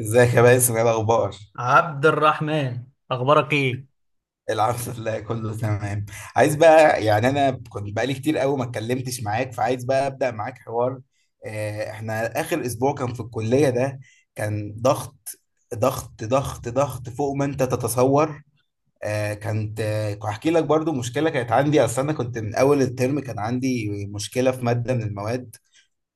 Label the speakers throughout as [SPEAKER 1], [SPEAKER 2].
[SPEAKER 1] ازيك يا باسم؟ ايه الاخبار؟
[SPEAKER 2] عبد الرحمن، اخبارك ايه
[SPEAKER 1] الحمد لله، كله تمام. عايز بقى يعني، انا كنت بقالي كتير قوي ما اتكلمتش معاك، فعايز بقى ابدا معاك حوار. احنا اخر اسبوع كان في الكليه ده، كان ضغط. ضغط ضغط ضغط فوق ما انت تتصور. آه، كانت آه، هحكي لك برضو مشكله كانت عندي. اصل انا كنت من اول الترم كان عندي مشكله في ماده من المواد،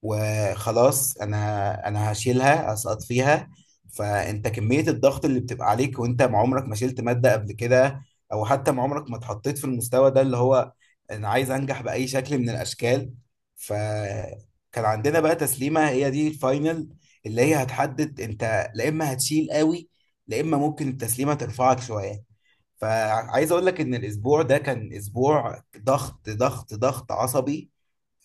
[SPEAKER 1] وخلاص انا هشيلها، اسقط فيها. فانت كمية الضغط اللي بتبقى عليك، وانت ما عمرك ما شلت مادة قبل كده، او حتى ما عمرك ما اتحطيت في المستوى ده، اللي هو انا عايز انجح بأي شكل من الاشكال. فكان عندنا بقى تسليمة هي دي الفاينل، اللي هي هتحدد انت لا اما هتشيل قوي، لا اما ممكن التسليمة ترفعك شوية. فعايز اقول لك ان الاسبوع ده كان اسبوع ضغط ضغط ضغط عصبي.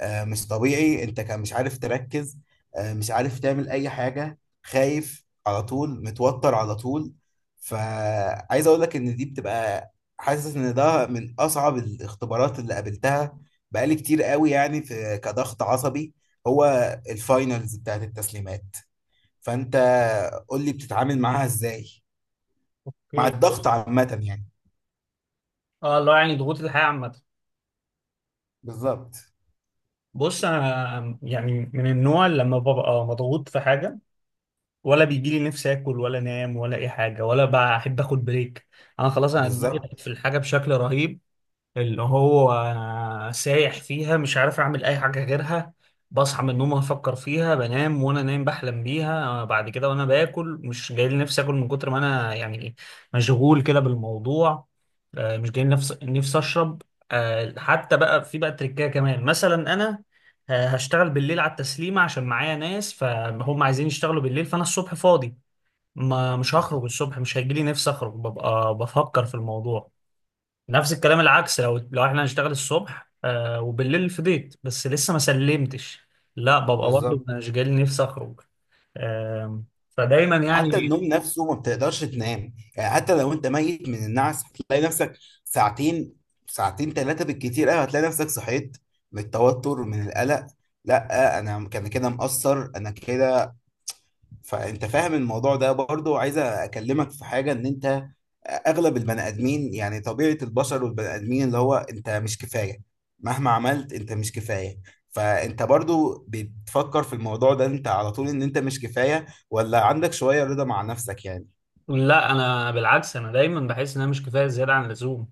[SPEAKER 1] مش طبيعي، انت كان مش عارف تركز. مش عارف تعمل اي حاجة، خايف على طول، متوتر على طول. فعايز اقول لك ان دي بتبقى، حاسس ان ده من اصعب الاختبارات اللي قابلتها. بقالي كتير قوي يعني في كضغط عصبي. هو الفاينلز بتاعت التسليمات. فانت قول لي بتتعامل معاها ازاي؟ مع
[SPEAKER 2] ايه
[SPEAKER 1] الضغط عامة يعني.
[SPEAKER 2] اه الله، يعني ضغوط الحياه عامه.
[SPEAKER 1] بالظبط،
[SPEAKER 2] بص، انا يعني من النوع اللي لما ببقى مضغوط في حاجه، ولا بيجي لي نفسي اكل ولا انام ولا اي حاجه، ولا بحب اخد بريك. انا خلاص، انا دماغي
[SPEAKER 1] بالظبط،
[SPEAKER 2] في الحاجه بشكل رهيب، اللي هو سايح فيها، مش عارف اعمل اي حاجه غيرها. بصحى من النوم افكر فيها، بنام وانا نايم بحلم بيها. بعد كده وانا باكل مش جاي لي نفسي اكل، من كتر ما انا يعني مشغول كده بالموضوع. مش جاي لي نفسي اشرب. حتى بقى في بقى تريكايه كمان مثلا انا، هشتغل بالليل على التسليمه عشان معايا ناس فهم عايزين يشتغلوا بالليل، فانا الصبح فاضي، ما مش هخرج
[SPEAKER 1] بالظبط،
[SPEAKER 2] الصبح، مش هيجي لي نفسي اخرج، ببقى بفكر في الموضوع. نفس الكلام العكس، لو احنا هنشتغل الصبح، آه، وبالليل فضيت بس لسه ما سلمتش، لا ببقى برضه
[SPEAKER 1] بالظبط.
[SPEAKER 2] انا مش جاي نفسي اخرج. آه. فدايما
[SPEAKER 1] حتى
[SPEAKER 2] يعني.
[SPEAKER 1] النوم نفسه ما بتقدرش تنام، يعني حتى لو انت ميت من النعس هتلاقي نفسك ساعتين، ساعتين 3 بالكتير قوي، هتلاقي نفسك صحيت من التوتر، من القلق. لا انا كان كده مقصر، انا كده. فانت فاهم الموضوع ده. برضو عايز اكلمك في حاجه، ان انت اغلب البني ادمين، يعني طبيعه البشر والبني ادمين، اللي هو انت مش كفايه، مهما عملت انت مش كفايه. فانت برضو بتفكر في الموضوع ده، انت على طول ان انت مش كفايه، ولا عندك شويه رضا مع نفسك يعني؟
[SPEAKER 2] لا، انا بالعكس، انا دايما بحس ان انا مش كفايه زياده عن اللزوم.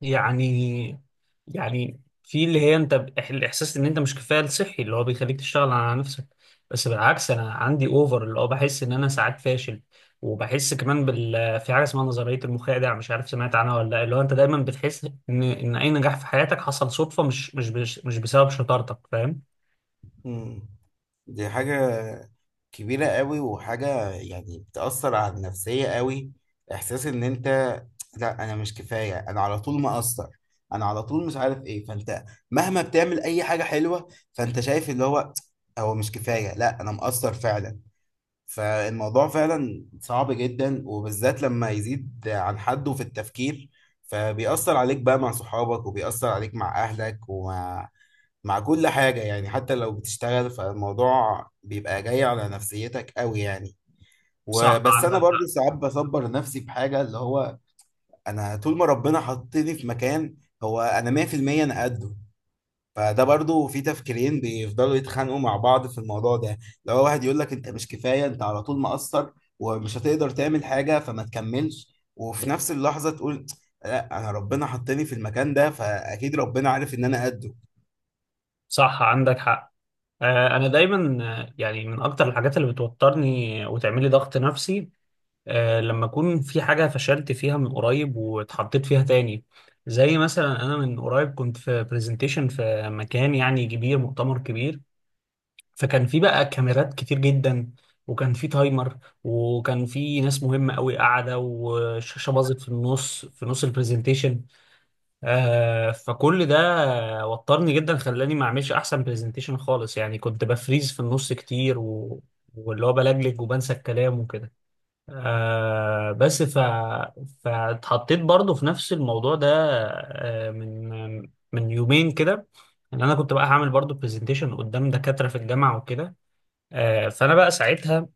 [SPEAKER 2] يعني، يعني في اللي هي انت الاحساس ان انت مش كفايه الصحي اللي هو بيخليك تشتغل على نفسك. بس بالعكس، انا عندي اوفر، اللي هو بحس ان انا ساعات فاشل. وبحس كمان بال في حاجه اسمها نظريه المخادع، مش عارف سمعت عنها ولا لا، اللي هو انت دايما بتحس ان اي نجاح في حياتك حصل صدفه، مش بسبب شطارتك، فاهم؟
[SPEAKER 1] مم. دي حاجة كبيرة قوي، وحاجة يعني بتأثر على النفسية قوي. إحساس إن أنت، لا أنا مش كفاية، أنا على طول مقصر، أنا على طول مش عارف إيه. فأنت مهما بتعمل أي حاجة حلوة فأنت شايف اللي هو، هو مش كفاية، لا أنا مقصر فعلا. فالموضوع فعلا صعب جدا، وبالذات لما يزيد عن حده في التفكير. فبيأثر عليك بقى مع صحابك، وبيأثر عليك مع أهلك، مع كل حاجة يعني. حتى لو بتشتغل فالموضوع بيبقى جاي على نفسيتك قوي يعني.
[SPEAKER 2] صح،
[SPEAKER 1] وبس أنا
[SPEAKER 2] عندك
[SPEAKER 1] برضو
[SPEAKER 2] حق.
[SPEAKER 1] ساعات بصبر نفسي بحاجة، اللي هو أنا طول ما ربنا حطني في مكان، هو أنا 100%، أنا قده. فده برضو في تفكيرين بيفضلوا يتخانقوا مع بعض في الموضوع ده. لو واحد يقول لك أنت مش كفاية، أنت على طول مقصر، ومش هتقدر تعمل حاجة فما تكملش، وفي نفس اللحظة تقول لا، أنا ربنا حطني في المكان ده، فأكيد ربنا عارف إن أنا قده.
[SPEAKER 2] صح، عندك حق. انا دايما، يعني من اكتر الحاجات اللي بتوترني وتعملي ضغط نفسي، لما أكون في حاجة فشلت فيها من قريب واتحطيت فيها تاني. زي مثلا أنا من قريب كنت في برزنتيشن في مكان يعني كبير، مؤتمر كبير، فكان في بقى كاميرات كتير جدا، وكان في تايمر، وكان في ناس مهمة قوي قاعدة، والشاشة باظت في النص، في نص البرزنتيشن. آه، فكل ده وترني جدا، خلاني ما اعملش احسن برزنتيشن خالص، يعني كنت بفريز في النص كتير، واللي هو بلجلج وبنسى الكلام وكده. آه. بس ف فاتحطيت برضو في نفس الموضوع ده، آه من من يومين كده، ان انا كنت بقى هعمل برضو برزنتيشن قدام دكاترة في الجامعة وكده. آه، فانا بقى ساعتها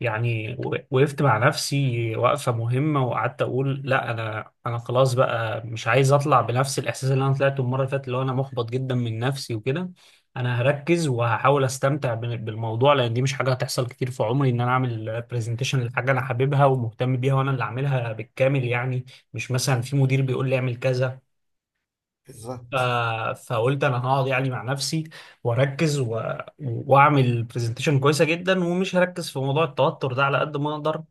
[SPEAKER 2] يعني وقفت مع نفسي وقفة مهمة، وقعدت أقول لا، أنا خلاص بقى مش عايز أطلع بنفس الإحساس اللي أنا طلعته المرة اللي فاتت، اللي هو أنا محبط جدا من نفسي وكده. أنا هركز وهحاول أستمتع بالموضوع، لأن دي مش حاجة هتحصل كتير في عمري، إن أنا أعمل برزنتيشن لحاجة أنا حاببها ومهتم بيها وأنا اللي أعملها بالكامل، يعني مش مثلا في مدير بيقول لي أعمل كذا. ف-
[SPEAKER 1] بالظبط.
[SPEAKER 2] فقلت انا هقعد يعني مع نفسي واركز، واعمل برزنتيشن كويسه جدا، ومش هركز في موضوع التوتر ده على قد ما اقدر.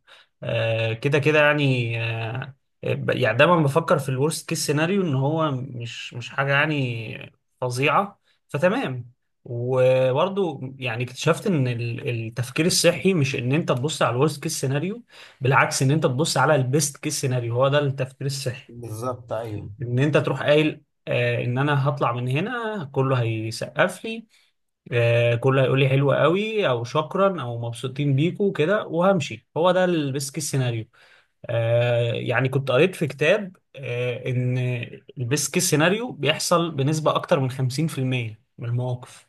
[SPEAKER 2] كده كده يعني. يعني دايما بفكر في الورست كيس سيناريو، ان هو مش حاجه يعني فظيعه، فتمام. وبرضو يعني اكتشفت ان التفكير الصحي مش ان انت تبص على الورست كيس سيناريو، بالعكس، ان انت تبص على البيست كيس سيناريو، هو ده التفكير الصحي.
[SPEAKER 1] بالظبط، ايوه.
[SPEAKER 2] ان انت تروح قايل، آه، ان انا هطلع من هنا كله هيسقف لي، آه، كله هيقول لي حلو قوي او شكرا او مبسوطين بيكو كده وهمشي، هو ده البيسك سيناريو. آه، يعني كنت قريت في كتاب آه ان البيسك سيناريو بيحصل بنسبة اكتر من 50% من المواقف،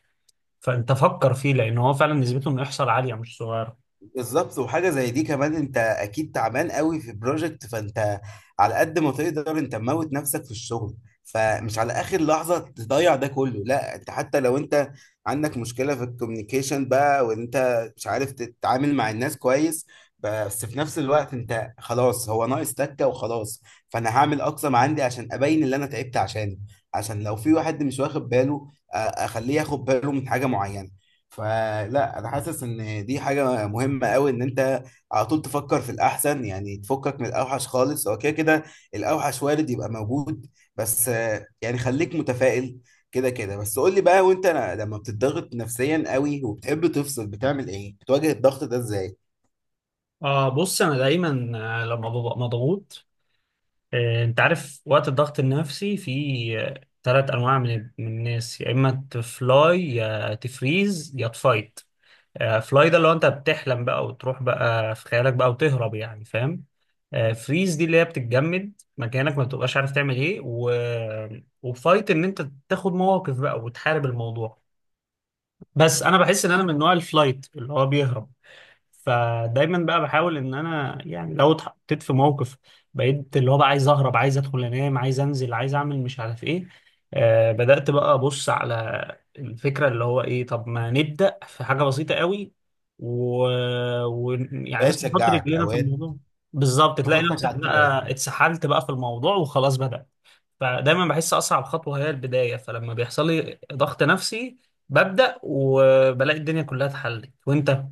[SPEAKER 2] فانت فكر فيه لان هو فعلا نسبته انه يحصل عالية مش صغيرة.
[SPEAKER 1] بالظبط، وحاجه زي دي كمان، انت اكيد تعبان قوي في بروجكت، فانت على قد ما تقدر انت موت نفسك في الشغل، فمش على اخر لحظه تضيع ده كله. لا، انت حتى لو انت عندك مشكله في الكوميونيكيشن بقى، وانت مش عارف تتعامل مع الناس كويس، بس في نفس الوقت انت خلاص، هو ناقص تكه وخلاص. فانا هعمل اقصى ما عندي عشان ابين اللي انا تعبت عشانه، عشان لو في واحد مش واخد باله، اخليه ياخد باله من حاجه معينه. فلا، انا حاسس ان دي حاجه مهمه قوي، ان انت على طول تفكر في الاحسن، يعني تفكك من الاوحش خالص، هو كده كده الاوحش وارد يبقى موجود. بس يعني خليك متفائل كده كده. بس قول لي بقى، وانت لما بتضغط نفسيا قوي وبتحب تفصل، بتعمل ايه؟ بتواجه الضغط ده ازاي؟
[SPEAKER 2] آه، بص أنا دايما، لما ببقى مضغوط، انت عارف وقت الضغط النفسي في ثلاث انواع من الناس، يا اما تفلاي يا تفريز يا تفايت. فلاي ده اللي هو انت بتحلم بقى وتروح بقى في خيالك بقى وتهرب، يعني فاهم. فريز دي اللي هي بتتجمد مكانك، ما بتبقاش عارف تعمل ايه، وفايت ان انت تاخد مواقف بقى وتحارب الموضوع. بس انا بحس ان انا من نوع الفلايت اللي هو بيهرب. فدايما بقى بحاول ان انا يعني لو اتحطيت في موقف، بقيت اللي هو بقى عايز اهرب، عايز ادخل انام، عايز انزل، عايز اعمل مش عارف ايه. آه، بدأت بقى ابص على الفكرة اللي هو ايه، طب ما نبدأ في حاجة بسيطة قوي، و... يعني
[SPEAKER 1] اوقات
[SPEAKER 2] بس نحط
[SPEAKER 1] تشجعك،
[SPEAKER 2] رجلينا في
[SPEAKER 1] اوقات
[SPEAKER 2] الموضوع. بالظبط، تلاقي
[SPEAKER 1] تحطك
[SPEAKER 2] نفسك
[SPEAKER 1] على
[SPEAKER 2] بقى
[SPEAKER 1] التراك.
[SPEAKER 2] اتسحلت بقى في الموضوع وخلاص بدأ. فدايما بحس اصعب خطوة هي البداية، فلما بيحصل لي ضغط نفسي ببدأ، وبلاقي الدنيا كلها اتحلت وانت.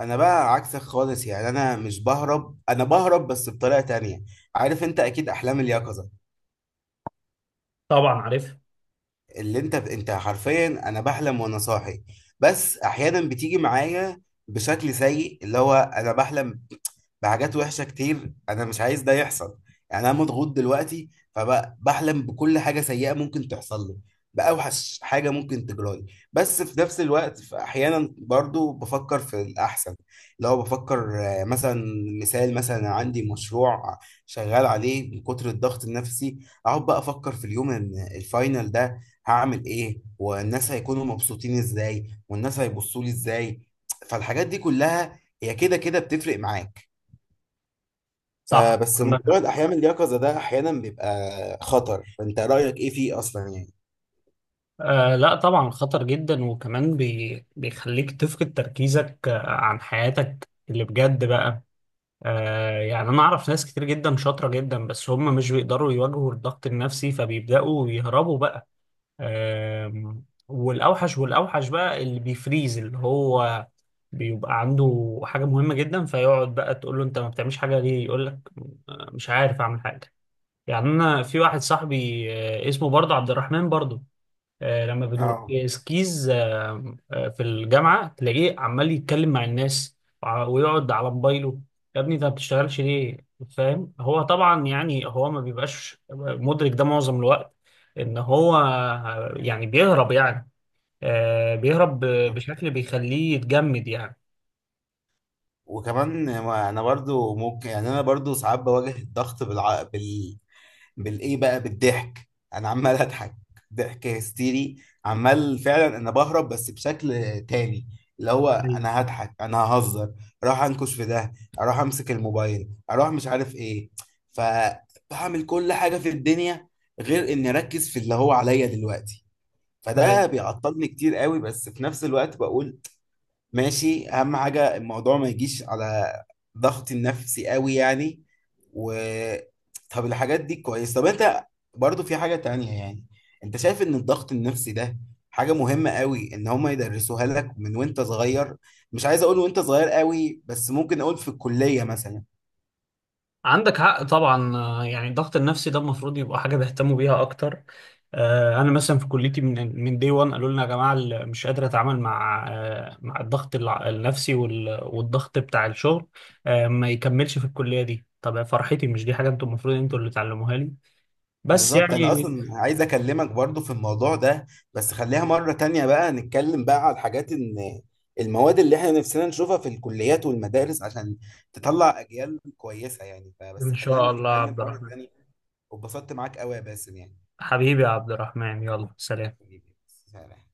[SPEAKER 1] انا بقى عكسك خالص، يعني انا مش بهرب، انا بهرب بس بطريقه تانية. عارف انت اكيد احلام اليقظه،
[SPEAKER 2] طبعا عارف.
[SPEAKER 1] اللي انت انت حرفيا انا بحلم وانا صاحي. بس احيانا بتيجي معايا بشكل سيء، اللي هو انا بحلم بحاجات وحشه كتير انا مش عايز ده يحصل. يعني انا مضغوط دلوقتي، فبحلم بكل حاجه سيئه ممكن تحصل لي، باوحش حاجه ممكن تجرالي. بس في نفس الوقت في احيانا برضو بفكر في الاحسن، اللي هو بفكر مثلا. مثال مثلا، عندي مشروع شغال عليه من كتر الضغط النفسي، اقعد بقى افكر في اليوم ان الفاينل ده هعمل ايه، والناس هيكونوا مبسوطين ازاي، والناس هيبصوا لي ازاي. فالحاجات دي كلها هي كده كده بتفرق معاك.
[SPEAKER 2] صح،
[SPEAKER 1] فبس
[SPEAKER 2] عندك
[SPEAKER 1] موضوع
[SPEAKER 2] حق.
[SPEAKER 1] الأحياء من اليقظة ده أحيانا بيبقى خطر. فأنت رأيك إيه فيه أصلا يعني؟
[SPEAKER 2] آه، لا طبعا خطر جدا، وكمان بيخليك تفقد تركيزك، عن حياتك اللي بجد بقى. آه، يعني انا اعرف ناس كتير جدا شاطرة جدا، بس هم مش بيقدروا يواجهوا الضغط النفسي، فبيبدأوا يهربوا بقى. آه. والاوحش بقى اللي بيفريز، اللي هو بيبقى عنده حاجة مهمة جدا فيقعد بقى، تقول له انت ما بتعملش حاجة ليه، يقول لك، مش عارف اعمل حاجة. يعني انا في واحد صاحبي، اسمه برضه عبد الرحمن برضه، لما
[SPEAKER 1] اه.
[SPEAKER 2] بنبقى سكيز، في الجامعة تلاقيه عمال يتكلم مع الناس ويقعد على موبايله. يا ابني انت ما بتشتغلش ليه؟ فاهم، هو طبعا يعني هو ما بيبقاش مدرك ده معظم الوقت، ان هو يعني بيهرب يعني، بيهرب
[SPEAKER 1] طب،
[SPEAKER 2] بشكل بيخليه يتجمد يعني.
[SPEAKER 1] وكمان انا برضو ممكن يعني، انا برضو ساعات بواجه الضغط بالايه بقى، بالضحك. انا عمال اضحك، ضحك هستيري، عمال فعلا. انا بهرب بس بشكل تاني، اللي هو
[SPEAKER 2] أيوة.
[SPEAKER 1] انا هضحك، انا ههزر، اروح انكش في ده، اروح امسك الموبايل، اروح مش عارف ايه. فبعمل كل حاجة في الدنيا غير اني اركز في اللي هو عليا دلوقتي. فده بيعطلني كتير قوي، بس في نفس الوقت بقول ماشي، اهم حاجه الموضوع ما يجيش على ضغط النفسي قوي يعني. و طب الحاجات دي كويس. طب انت برضو في حاجه تانية يعني، انت شايف ان الضغط النفسي ده حاجه مهمه قوي، ان هما يدرسوها لك من وانت صغير؟ مش عايز اقول وانت صغير قوي، بس ممكن اقول في الكليه مثلا.
[SPEAKER 2] عندك حق طبعا. يعني الضغط النفسي ده المفروض يبقى حاجه بيهتموا بيها اكتر. انا مثلا في كليتي من دي 1 قالوا لنا يا جماعه، مش قادر اتعامل مع، مع الضغط النفسي والضغط بتاع الشغل، ما يكملش في الكليه دي. طب يا فرحتي، مش دي حاجه انتوا المفروض انتوا اللي تعلموها لي؟ بس
[SPEAKER 1] بالظبط، انا
[SPEAKER 2] يعني.
[SPEAKER 1] اصلا عايز اكلمك برضو في الموضوع ده، بس خليها مرة تانية بقى، نتكلم بقى على الحاجات، ان المواد اللي احنا نفسنا نشوفها في الكليات والمدارس عشان تطلع اجيال كويسة يعني، فبس
[SPEAKER 2] ان
[SPEAKER 1] خلينا
[SPEAKER 2] شاء الله يا
[SPEAKER 1] نتكلم
[SPEAKER 2] عبد
[SPEAKER 1] مرة
[SPEAKER 2] الرحمن.
[SPEAKER 1] تانية. واتبسطت معاك قوي يا باسم يعني.
[SPEAKER 2] حبيبي يا عبد الرحمن، يلا سلام.
[SPEAKER 1] حبيبي. سلام.